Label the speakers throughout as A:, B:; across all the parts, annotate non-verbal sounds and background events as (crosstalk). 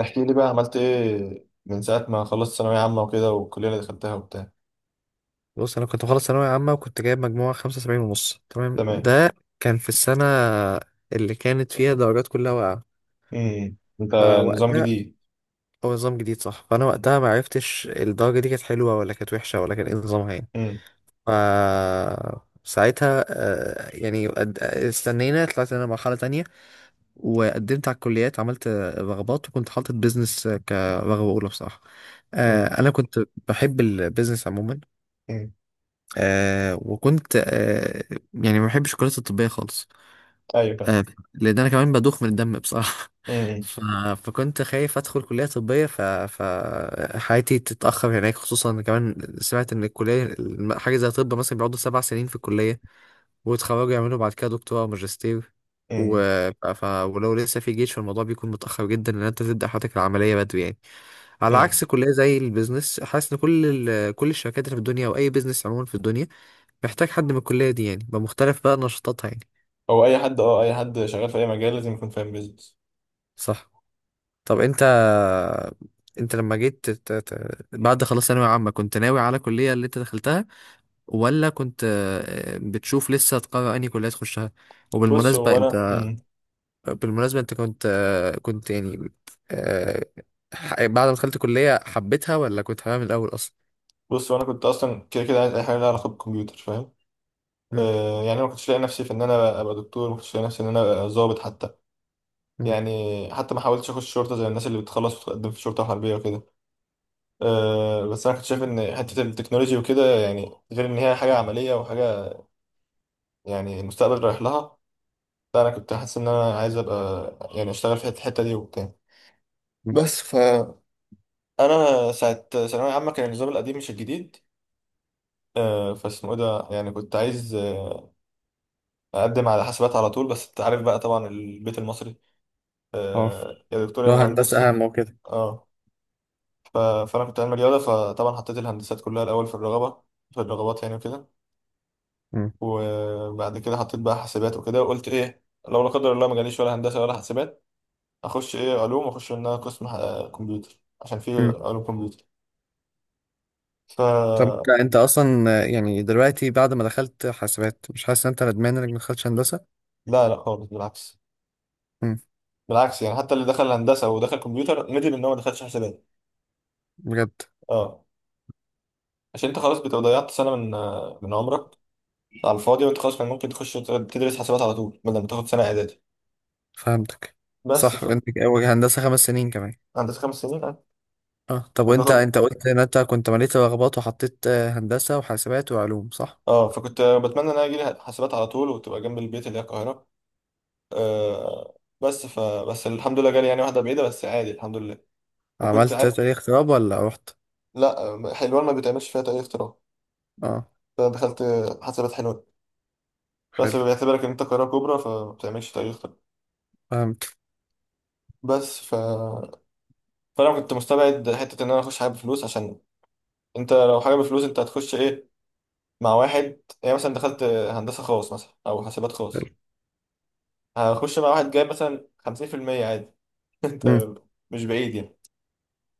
A: احكي لي بقى عملت ايه من ساعة ما خلصت ثانوية عامة وكده والكلية اللي دخلتها وبتاع.
B: بص، انا كنت مخلص ثانويه عامه وكنت جايب مجموعه 75 ونص. تمام،
A: تمام.
B: ده كان في السنه اللي كانت فيها الدرجات كلها واقعه.
A: انت نظام
B: فوقتها
A: جديد.
B: هو نظام جديد صح. فانا وقتها ما عرفتش الدرجه دي كانت حلوه ولا كانت وحشه ولا كان ايه نظامها يعني.
A: امم
B: ف ساعتها يعني استنينا. طلعت انا مرحله تانية وقدمت على الكليات، عملت رغبات، وكنت حاطط بيزنس كرغبه اولى بصراحه.
A: امم
B: انا كنت بحب البيزنس عموما.
A: امم
B: وكنت يعني ما بحبش الكريات الطبية خالص.
A: ايوه فاهم.
B: آه لأن أنا كمان بدوخ من الدم بصراحة. (laughs)
A: امم
B: ف... فكنت خايف أدخل كلية طبية، فحياتي تتأخر هناك، خصوصا إن كمان سمعت إن حاجة زي طب مثلا بيقعدوا 7 سنين في الكلية، ويتخرجوا يعملوا بعد كده دكتوراه أو ماجستير. و...
A: امم
B: ولو لسه في جيش، فالموضوع بيكون متأخر جدا إن أنت تبدأ حياتك العملية بدري يعني، على
A: امم
B: عكس كلية زي البيزنس. حاسس ان كل الشركات اللي في الدنيا او اي بيزنس عموما في الدنيا محتاج حد من الكلية دي، يعني بمختلف بقى نشاطاتها يعني.
A: هو اي حد اه اي حد شغال في اي مجال لازم يكون فاهم بيزنس.
B: صح. طب انت لما جيت بعد خلاص ثانوية عامة، كنت ناوي على الكلية اللي انت دخلتها، ولا كنت بتشوف لسه تقرر انهي كلية تخشها؟
A: بص
B: وبالمناسبة
A: هو انا
B: انت
A: امم
B: بالمناسبة انت كنت آه، بعد ما دخلت كلية حبيتها ولا كنت حاببها من الأول أصلا؟
A: بص هو انا كنت اصلا كده كده عايز اي حاجة لها علاقة بالكمبيوتر، فاهم؟
B: مم.
A: يعني أنا ما كنتش لاقي نفسي في ان انا ابقى دكتور، ما كنتش لاقي نفسي ان انا ابقى ضابط حتى،
B: مم.
A: يعني حتى ما حاولتش اخش شرطة زي الناس اللي بتخلص وتقدم في شرطة حربية وكده. بس انا كنت شايف ان حته التكنولوجي وكده، يعني غير ان هي حاجه عمليه وحاجه، يعني المستقبل رايح لها. لا انا كنت حاسس ان انا عايز ابقى، يعني اشتغل في الحته دي وبتاع.
B: مم.
A: بس فانا ساعه ثانويه عامه كان النظام القديم مش الجديد. فاسمه ايه ده، يعني كنت عايز اقدم على حاسبات على طول، بس انت عارف بقى طبعا البيت المصري،
B: اه،
A: يا دكتور يا
B: لو
A: مهندس.
B: هندسة أهم وكده.
A: اه فانا كنت علمي رياضه، فطبعا حطيت الهندسات كلها الاول في الرغبه في الرغبات يعني وكده.
B: مم.
A: وبعد كده حطيت بقى حاسبات وكده، وقلت ايه لو لا قدر الله ما جاليش ولا هندسه ولا حاسبات اخش ايه علوم، واخش ان انا قسم كمبيوتر، عشان في
B: مم.
A: علوم كمبيوتر. ف
B: طب أنت أصلا يعني دلوقتي بعد ما دخلت حاسبات مش حاسس إن أنت ندمان إنك ما دخلتش هندسة؟
A: لا، خالص، بالعكس.
B: مم.
A: بالعكس يعني حتى اللي دخل هندسه ودخل كمبيوتر ندم ان هو ما دخلش حاسبات.
B: بجد؟
A: اه عشان انت خلاص بتبقى ضيعت سنه من عمرك على الفاضي، وانت خلاص كان ممكن تخش تدرس حاسبات على طول بدل ما تاخد سنه اعدادي.
B: فهمتك.
A: بس
B: صح.
A: ف...
B: وأنت هندسة 5 سنين كمان.
A: هندسه خمس سنين اه.
B: أه، طب وأنت
A: وبتاخد
B: أنت قلت إن أنت كنت مليت رغبات وحطيت هندسة وحاسبات وعلوم صح؟
A: اه، فكنت بتمنى ان انا اجي حاسبات على طول وتبقى جنب البيت اللي هي القاهره. بس بس الحمد لله جالي يعني واحدة بعيدة، بس عادي الحمد لله. وكنت
B: عملت
A: ع...
B: تاريخ اختراب ولا رحت؟
A: لا حلوان ما بتعملش فيها تأي اختراع.
B: أه.
A: فدخلت حسابات حلوان. بس
B: حلو.
A: بيعتبرك ان انت قاهرة كبرى فما بتعملش تأي اختراع.
B: فهمت.
A: بس ف فانا كنت مستبعد حتة ان انا اخش حاجة بفلوس، عشان انت لو حاجة بفلوس انت هتخش ايه، مع واحد يعني مثلا دخلت هندسة خاص مثلا او حاسبات
B: حلو.
A: خاص، هخش مع واحد جايب مثلا 50% عادي. (laughs)
B: مم.
A: انت مش بعيد يعني.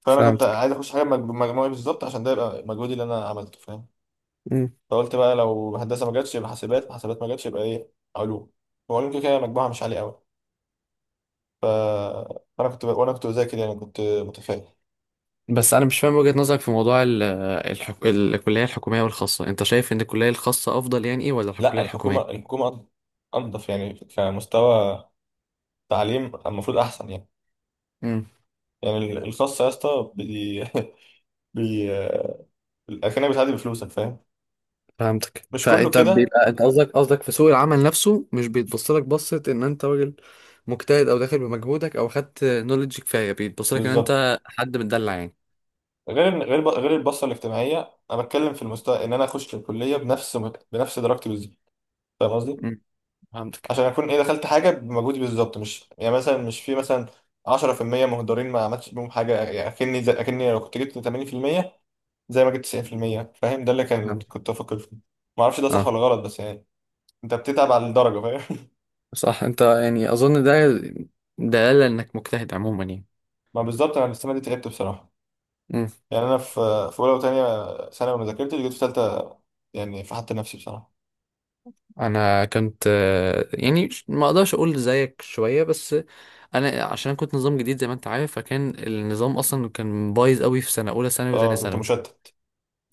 A: فانا كنت
B: فهمتك.
A: عايز اخش حاجة بمجموعي بالظبط، عشان ده يبقى مجهودي اللي انا عملته، فاهم؟ فقلت بقى لو هندسه ما جاتش يبقى حاسبات، ما جاتش يبقى ايه علوم. وعلوم كده كده مجموعها مش عالي قوي. ف... فانا كنت ب... وانا كنت بذاكر يعني، كنت متفائل.
B: بس انا مش فاهم وجهة نظرك في موضوع الكلية الحكومية والخاصة. انت شايف ان الكلية الخاصة افضل يعني ايه، ولا
A: لا
B: الكلية الحكومية؟
A: الحكومه انضف، يعني كمستوى تعليم المفروض احسن يعني.
B: امم.
A: يعني الخاص يا اسطى (laughs) بي... الاكاديميه بتعدي بفلوسك، فاهم؟
B: فهمتك.
A: مش كله
B: فانت
A: كده.
B: بيبقى انت قصدك في سوق العمل نفسه مش بيتبص لك بصة ان انت راجل مجتهد او داخل بمجهودك او خدت نولج كفاية، بيتبص لك ان
A: بالظبط.
B: انت حد متدلع يعني.
A: غير غير البصه الاجتماعيه، انا بتكلم في المستوى ان انا اخش الكليه بنفس درجتي بالظبط، فاهم قصدي؟
B: امم. فهمتك.
A: عشان اكون ايه، دخلت حاجه بمجهودي بالظبط، مش يعني مثلا مش في مثلا 10% مهدرين ما عملتش بيهم حاجه يعني، اكني زي اكني لو كنت جبت 80% زي ما جبت 90%، فاهم؟ ده اللي كان
B: فهمت.
A: كنت بفكر فيه. ما اعرفش ده صح
B: اه،
A: ولا غلط، بس يعني انت بتتعب على الدرجه، فاهم؟
B: صح. انت يعني اظن ده دلالة انك مجتهد عموما يعني.
A: (laughs) ما بالظبط، انا السنه دي تعبت بصراحه. يعني انا في اولى وثانيه ثانوي ما ذاكرتش، جيت في ثالثه يعني فحت نفسي بصراحه.
B: انا كنت يعني ما اقدرش اقول زيك شويه بس. عشان أنا كنت نظام جديد زي ما انت عارف، فكان النظام اصلا كان بايظ قوي في سنه اولى ثانوي وثانيه
A: اه كنت
B: ثانوي
A: مشتت.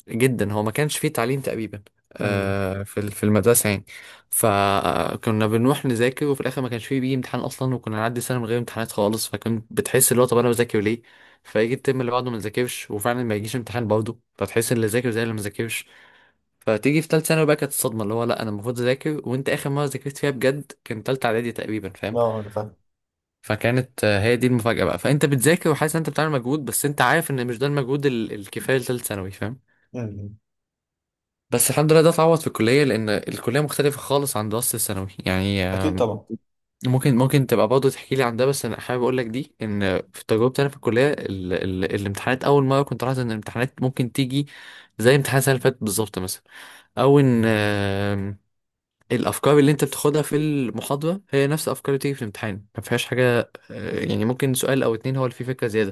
B: جدا. هو ما كانش فيه تعليم تقريبا
A: امم
B: في المدرسه يعني. فكنا بنروح نذاكر وفي الاخر ما كانش فيه بيجي امتحان اصلا، وكنا نعدي سنه من غير امتحانات خالص. فكنت بتحس اللي هو طب انا بذاكر ليه؟ فيجي الترم اللي بعده ما نذاكرش وفعلا ما يجيش امتحان برضه، فتحس اللي ذاكر زي اللي ما ذاكرش. فتيجي في تالتة ثانوي بقى، كانت الصدمة اللي هو لا، أنا المفروض أذاكر، وأنت آخر مرة ذاكرت فيها بجد كان تالتة إعدادي تقريبا، فاهم.
A: اه انا فاهم.
B: فكانت هي دي المفاجأة بقى. فأنت بتذاكر وحاسس إن أنت بتعمل مجهود، بس أنت عارف إن مش ده المجهود الكفاية لتالتة ثانوي، فاهم.
A: امم
B: بس الحمد لله ده اتعوض في الكلية، لأن الكلية مختلفة خالص عن دراسة الثانوي يعني.
A: اكيد طبعا.
B: ممكن تبقى برضه تحكي لي عن ده، بس أنا حابب أقول لك دي إن في تجربتي أنا في الكلية، ال ال الامتحانات أول مرة كنت لاحظت إن الامتحانات ممكن تيجي زي امتحان السنة اللي فاتت بالظبط مثلا، او ان الافكار اللي انت بتاخدها في المحاضره هي نفس الافكار اللي بتيجي في الامتحان، ما فيهاش حاجه يعني، ممكن سؤال او اتنين هو اللي فيه فكره زياده.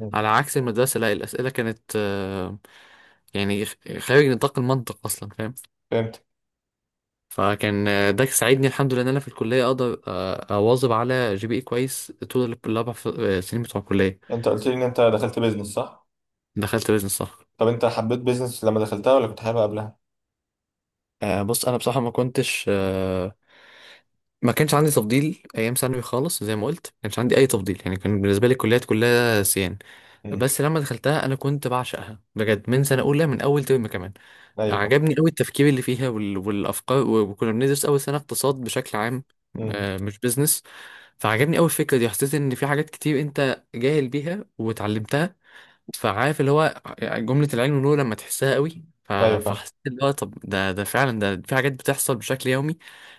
A: امم
B: على عكس المدرسه، لا، الاسئله كانت يعني خارج نطاق المنطق اصلا، فاهم.
A: فهمت.
B: فكان ده ساعدني الحمد لله ان انا في الكليه اقدر اواظب على GPA كويس طول الاربع سنين بتوع الكليه.
A: انت قلت لي ان انت دخلت بيزنس صح؟
B: دخلت بيزنس صح.
A: طب انت حبيت بيزنس لما دخلتها ولا كنت حاببها قبلها؟
B: بص انا بصراحه، ما كنتش آه، ما كانش عندي تفضيل ايام ثانوي خالص. زي ما قلت ما كانش عندي اي تفضيل، يعني كان بالنسبه لي الكليات كلها سيان.
A: امم
B: بس لما دخلتها انا كنت بعشقها بجد من سنه اولى، من اول ترم كمان.
A: ايوه فاهم.
B: عجبني قوي التفكير اللي فيها والافكار وكنا بندرس اول سنه اقتصاد بشكل عام،
A: امم
B: مش بيزنس. فعجبني قوي الفكره دي، حسيت ان في حاجات كتير انت جاهل بيها وتعلمتها. فعارف اللي هو جملة العلم والنور لما تحسها قوي.
A: ايوه فاهم.
B: فحسيت اللي هو طب ده فعلا، ده في حاجات بتحصل بشكل يومي.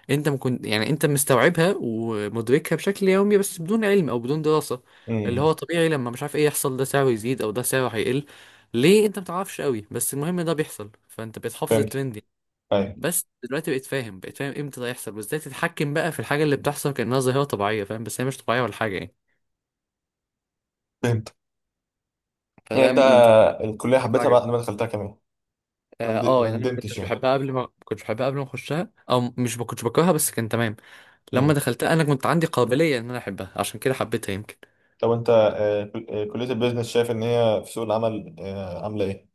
B: انت ما كنت يعني انت مستوعبها ومدركها بشكل يومي، بس بدون علم او بدون دراسة. اللي
A: امم
B: هو طبيعي لما مش عارف ايه يحصل، ده سعره يزيد او ده سعره هيقل. ليه؟ انت ما تعرفش قوي، بس المهم ده بيحصل، فانت بتحافظ
A: فهمت.
B: الترند يعني.
A: ايوه
B: بس دلوقتي بقيت فاهم امتى ده يحصل وازاي تتحكم بقى في الحاجة اللي بتحصل، كأنها ظاهرة طبيعية فاهم، بس هي مش طبيعية ولا حاجة يعني.
A: فهمت. يعني
B: فده
A: انت
B: من دي.
A: الكليه حبيتها بعد ما دخلتها كمان،
B: اه،
A: ما
B: يعني انا
A: ندمتش يعني.
B: ما كنتش بحبها قبل ما اخشها، او مش ما كنتش بكرهها بس كان تمام. لما
A: امم
B: دخلتها انا كنت عندي قابليه ان انا احبها، عشان كده حبيتها يمكن.
A: طب انت كليه البيزنس شايف ان هي في سوق العمل عامله ايه؟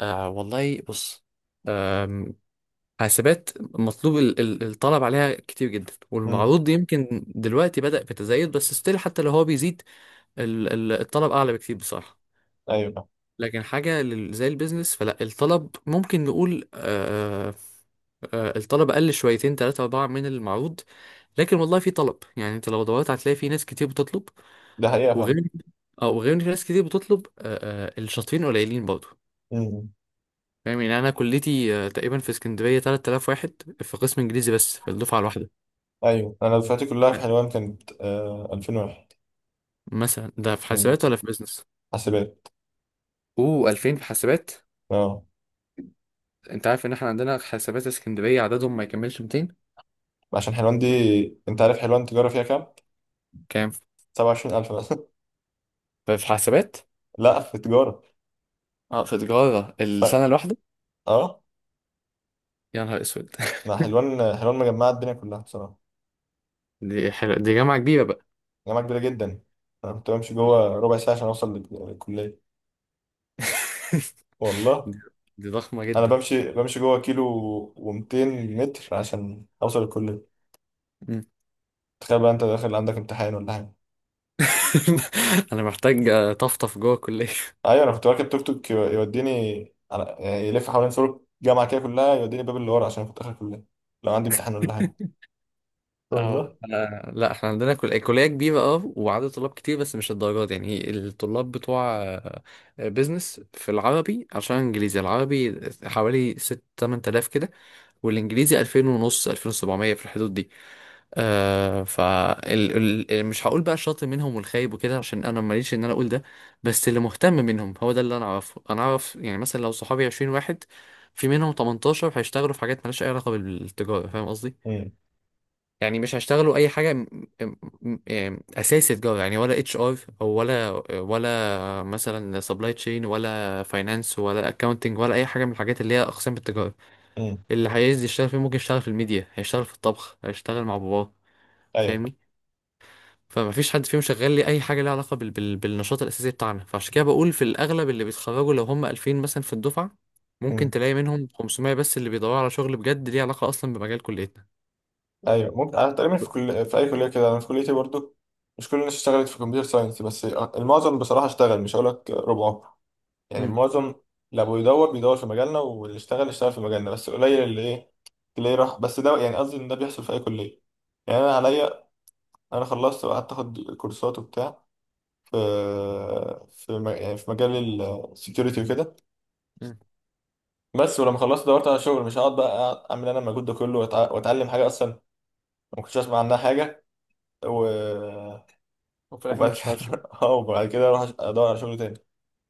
B: والله بص. آم، حاسبات مطلوب، الطلب عليها كتير جدا
A: امم
B: والمعروض يمكن دلوقتي بدأ بتزايد، بس ستيل حتى لو هو بيزيد الطلب اعلى بكتير بصراحه.
A: ايوه فاهم.
B: لكن حاجه زي البيزنس فلا، الطلب ممكن نقول الطلب قل شويتين تلاتة أربعة من المعروض، لكن والله في طلب. يعني انت لو دورت هتلاقي في ناس كتير بتطلب،
A: ده حقيقه فاهم.
B: وغير اه وغير ان في ناس كتير بتطلب الشاطرين قليلين برضه،
A: امم
B: فاهم. يعني انا كليتي تقريبا في اسكندرية 3000 واحد في قسم انجليزي بس في الدفعة الواحدة.
A: ايوه، انا دفعتي كلها في حلوان كانت 2001.
B: مثلا ده في
A: امم
B: حاسبات ولا في بيزنس؟
A: حاسبات
B: اوه، 2000 في حاسبات.
A: اه.
B: انت عارف ان احنا عندنا حاسبات اسكندرية عددهم ما يكملش 200.
A: عشان حلوان دي، انت عارف حلوان تجاره فيها كام؟
B: كام
A: 27000 مثلا.
B: في حاسبات؟
A: (laughs) لا في تجاره.
B: اه، في تجارة
A: ف...
B: السنة الواحدة.
A: اه
B: يا نهار اسود. (laughs)
A: ما حلوان، حلوان مجمعة الدنيا كلها بصراحة.
B: دي حلوة، دي جامعة كبيرة بقى.
A: جامعة كبيرة جدا. أنا كنت بمشي جوه ربع ساعة عشان أوصل للكلية.
B: (laughs)
A: والله
B: دي دي ضخمة
A: أنا
B: جدا.
A: بمشي جوه كيلو و200 متر عشان أوصل الكلية.
B: مم.
A: تخيل بقى أنت داخل عندك امتحان ولا حاجة.
B: (laughs) انا محتاج طفطف جوه الكلية.
A: أيوة أنا كنت راكب توك توك يوديني على، يعني يلف حوالين سور الجامعة كده كلها، يوديني باب اللي ورا، عشان كنت آخر الكلية لو عندي امتحان ولا حاجة.
B: (laughs) اه،
A: والله.
B: لا، احنا عندنا كلية كبيرة اه، وعدد طلاب كتير، بس مش الدرجات دي. يعني الطلاب بتوع بيزنس في العربي، عشان انجليزي العربي حوالي 6 8000 كده، والانجليزي 2000 ونص 2700 في الحدود دي. آه ف ال... ال... ال- مش هقول بقى الشاطر منهم والخايب وكده عشان انا ماليش ان انا اقول ده، بس اللي مهتم منهم هو ده اللي انا اعرفه انا اعرف يعني. مثلا لو صحابي 20 واحد، في منهم 18 هيشتغلوا في حاجات مالهاش اي علاقه بالتجاره، فاهم قصدي.
A: امم
B: يعني مش هيشتغلوا اي حاجه م... اساسي تجاره، يعني ولا HR ولا مثلا سبلاي تشين، ولا فاينانس، ولا اكاونتنج، ولا اي حاجه من الحاجات اللي هي اقسام التجاره.
A: امم
B: اللي هيعايز يشتغل فيه ممكن يشتغل في الميديا، هيشتغل في الطبخ، هيشتغل مع باباه،
A: أيوة.
B: فاهمني. فمفيش حد فيهم شغال لي اي حاجه ليها علاقه بالنشاط الاساسي بتاعنا. فعشان كده بقول في الاغلب اللي بيتخرجوا لو هم 2000 مثلا في الدفعه، ممكن تلاقي منهم 500 بس اللي بيدوروا على شغل بجد ليه علاقه اصلا بمجال كليتنا.
A: ايوه ممكن. انا تقريبا في كل، في اي كليه كده، انا في كليتي برضو مش كل الناس اشتغلت في كمبيوتر ساينس، بس المعظم بصراحه اشتغل، مش هقول لك ربعه، يعني
B: مم.
A: المعظم. لو بيدور بيدور في مجالنا، واللي اشتغل اشتغل في مجالنا، بس قليل اللي ايه اللي راح. بس ده يعني قصدي ان ده بيحصل في اي كليه. يعني انا عليا، انا خلصت وقعدت اخد كورسات وبتاع في يعني في مجال السكيورتي وكده.
B: مم.
A: بس ولما خلصت دورت على شغل، مش هقعد بقى أقعد اعمل انا المجهود ده كله واتعلم حاجه اصلا ما كنتش اسمع عنها حاجه، و
B: وفي الاخر ما
A: وبعد
B: تشتغلش بيه.
A: كده (laughs) اه وبعد كده اروح ادور على شغل تاني.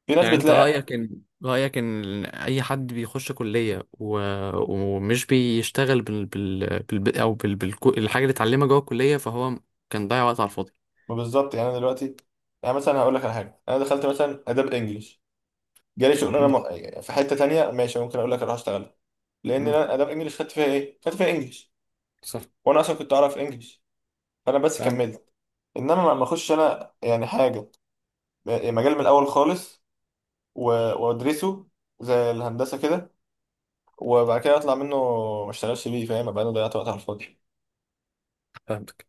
A: في ناس
B: يعني انت
A: بتلاقي.
B: رأيك ان اي حد بيخش كلية ومش بيشتغل بال... بال... بال... او بال... بال... الحاجة اللي اتعلمها جوه الكلية، فهو كان ضيع وقت على الفاضي.
A: ما بالظبط، يعني انا دلوقتي يعني مثلا هقول لك على حاجه، انا دخلت مثلا اداب انجلش، جالي شغلانه
B: مم.
A: يعني في حته تانية ماشي، ممكن اقول لك اروح اشتغل، لان
B: مم.
A: انا اداب انجلش خدت فيها ايه، خدت فيها انجلش،
B: صح.
A: وانا اصلا كنت اعرف انجلش، فانا بس
B: فهمت.
A: كملت. انما ما اخش انا يعني حاجه، يعني مجال من الاول خالص، و- وادرسه زي الهندسه كده، وبعد كده اطلع منه ما اشتغلش بيه، فاهم؟ ابقى انا ضيعت وقت على الفاضي.
B: فهمتك.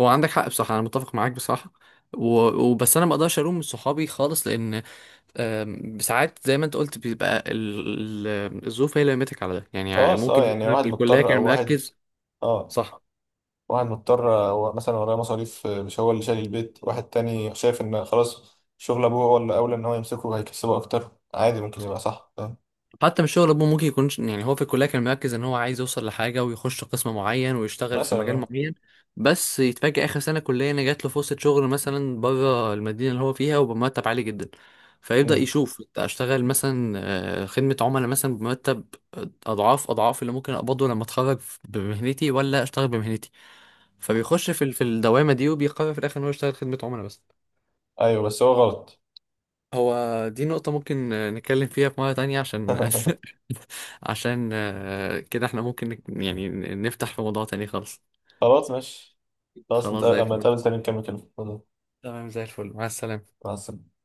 B: هو عندك حق بصراحة، أنا متفق معاك بصراحة. و... وبس أنا ما أقدرش ألوم صحابي خالص، لأن ساعات زي ما أنت قلت بيبقى الظروف هي اللي لمتك على ده يعني.
A: خلاص
B: ممكن
A: اه، يعني
B: هو
A: واحد
B: في الكلية
A: مضطر
B: كان
A: او واحد،
B: مركز.
A: اه
B: صح.
A: واحد مضطر، هو مثلا وراه مصاريف، مش هو اللي شايل البيت، واحد تاني شايف ان خلاص شغل ابوه هو اللي اولى ان هو يمسكه، هيكسبه اكتر، عادي ممكن يبقى صح فاهم.
B: حتى من الشغل ابوه، ممكن يكون يعني هو في الكليه كان مركز ان هو عايز يوصل لحاجه ويخش قسم معين ويشتغل في
A: مثلا
B: مجال
A: اه.
B: معين، بس يتفاجئ اخر سنه كليه ان جات له فرصه شغل مثلا بره المدينه اللي هو فيها وبمرتب عالي جدا. فيبدا
A: امم
B: يشوف اشتغل مثلا خدمه عملاء مثلا بمرتب اضعاف اضعاف اللي ممكن اقبضه لما اتخرج بمهنتي، ولا اشتغل بمهنتي. فبيخش في الدوامه دي وبيقرر في الاخر ان هو يشتغل خدمه عملاء بس.
A: ايوه بس هو غلط.
B: هو دي نقطة ممكن نتكلم فيها في مرة تانية، عشان.
A: (laughs)
B: (laughs) عشان كده احنا ممكن يعني نفتح في موضوع تاني خالص.
A: خلاص ماشي،
B: خلاص زي
A: لما
B: الفل.
A: نتقابل تاني نكمل كلام.
B: تمام زي الفل. مع السلامة.
A: مع السلامة.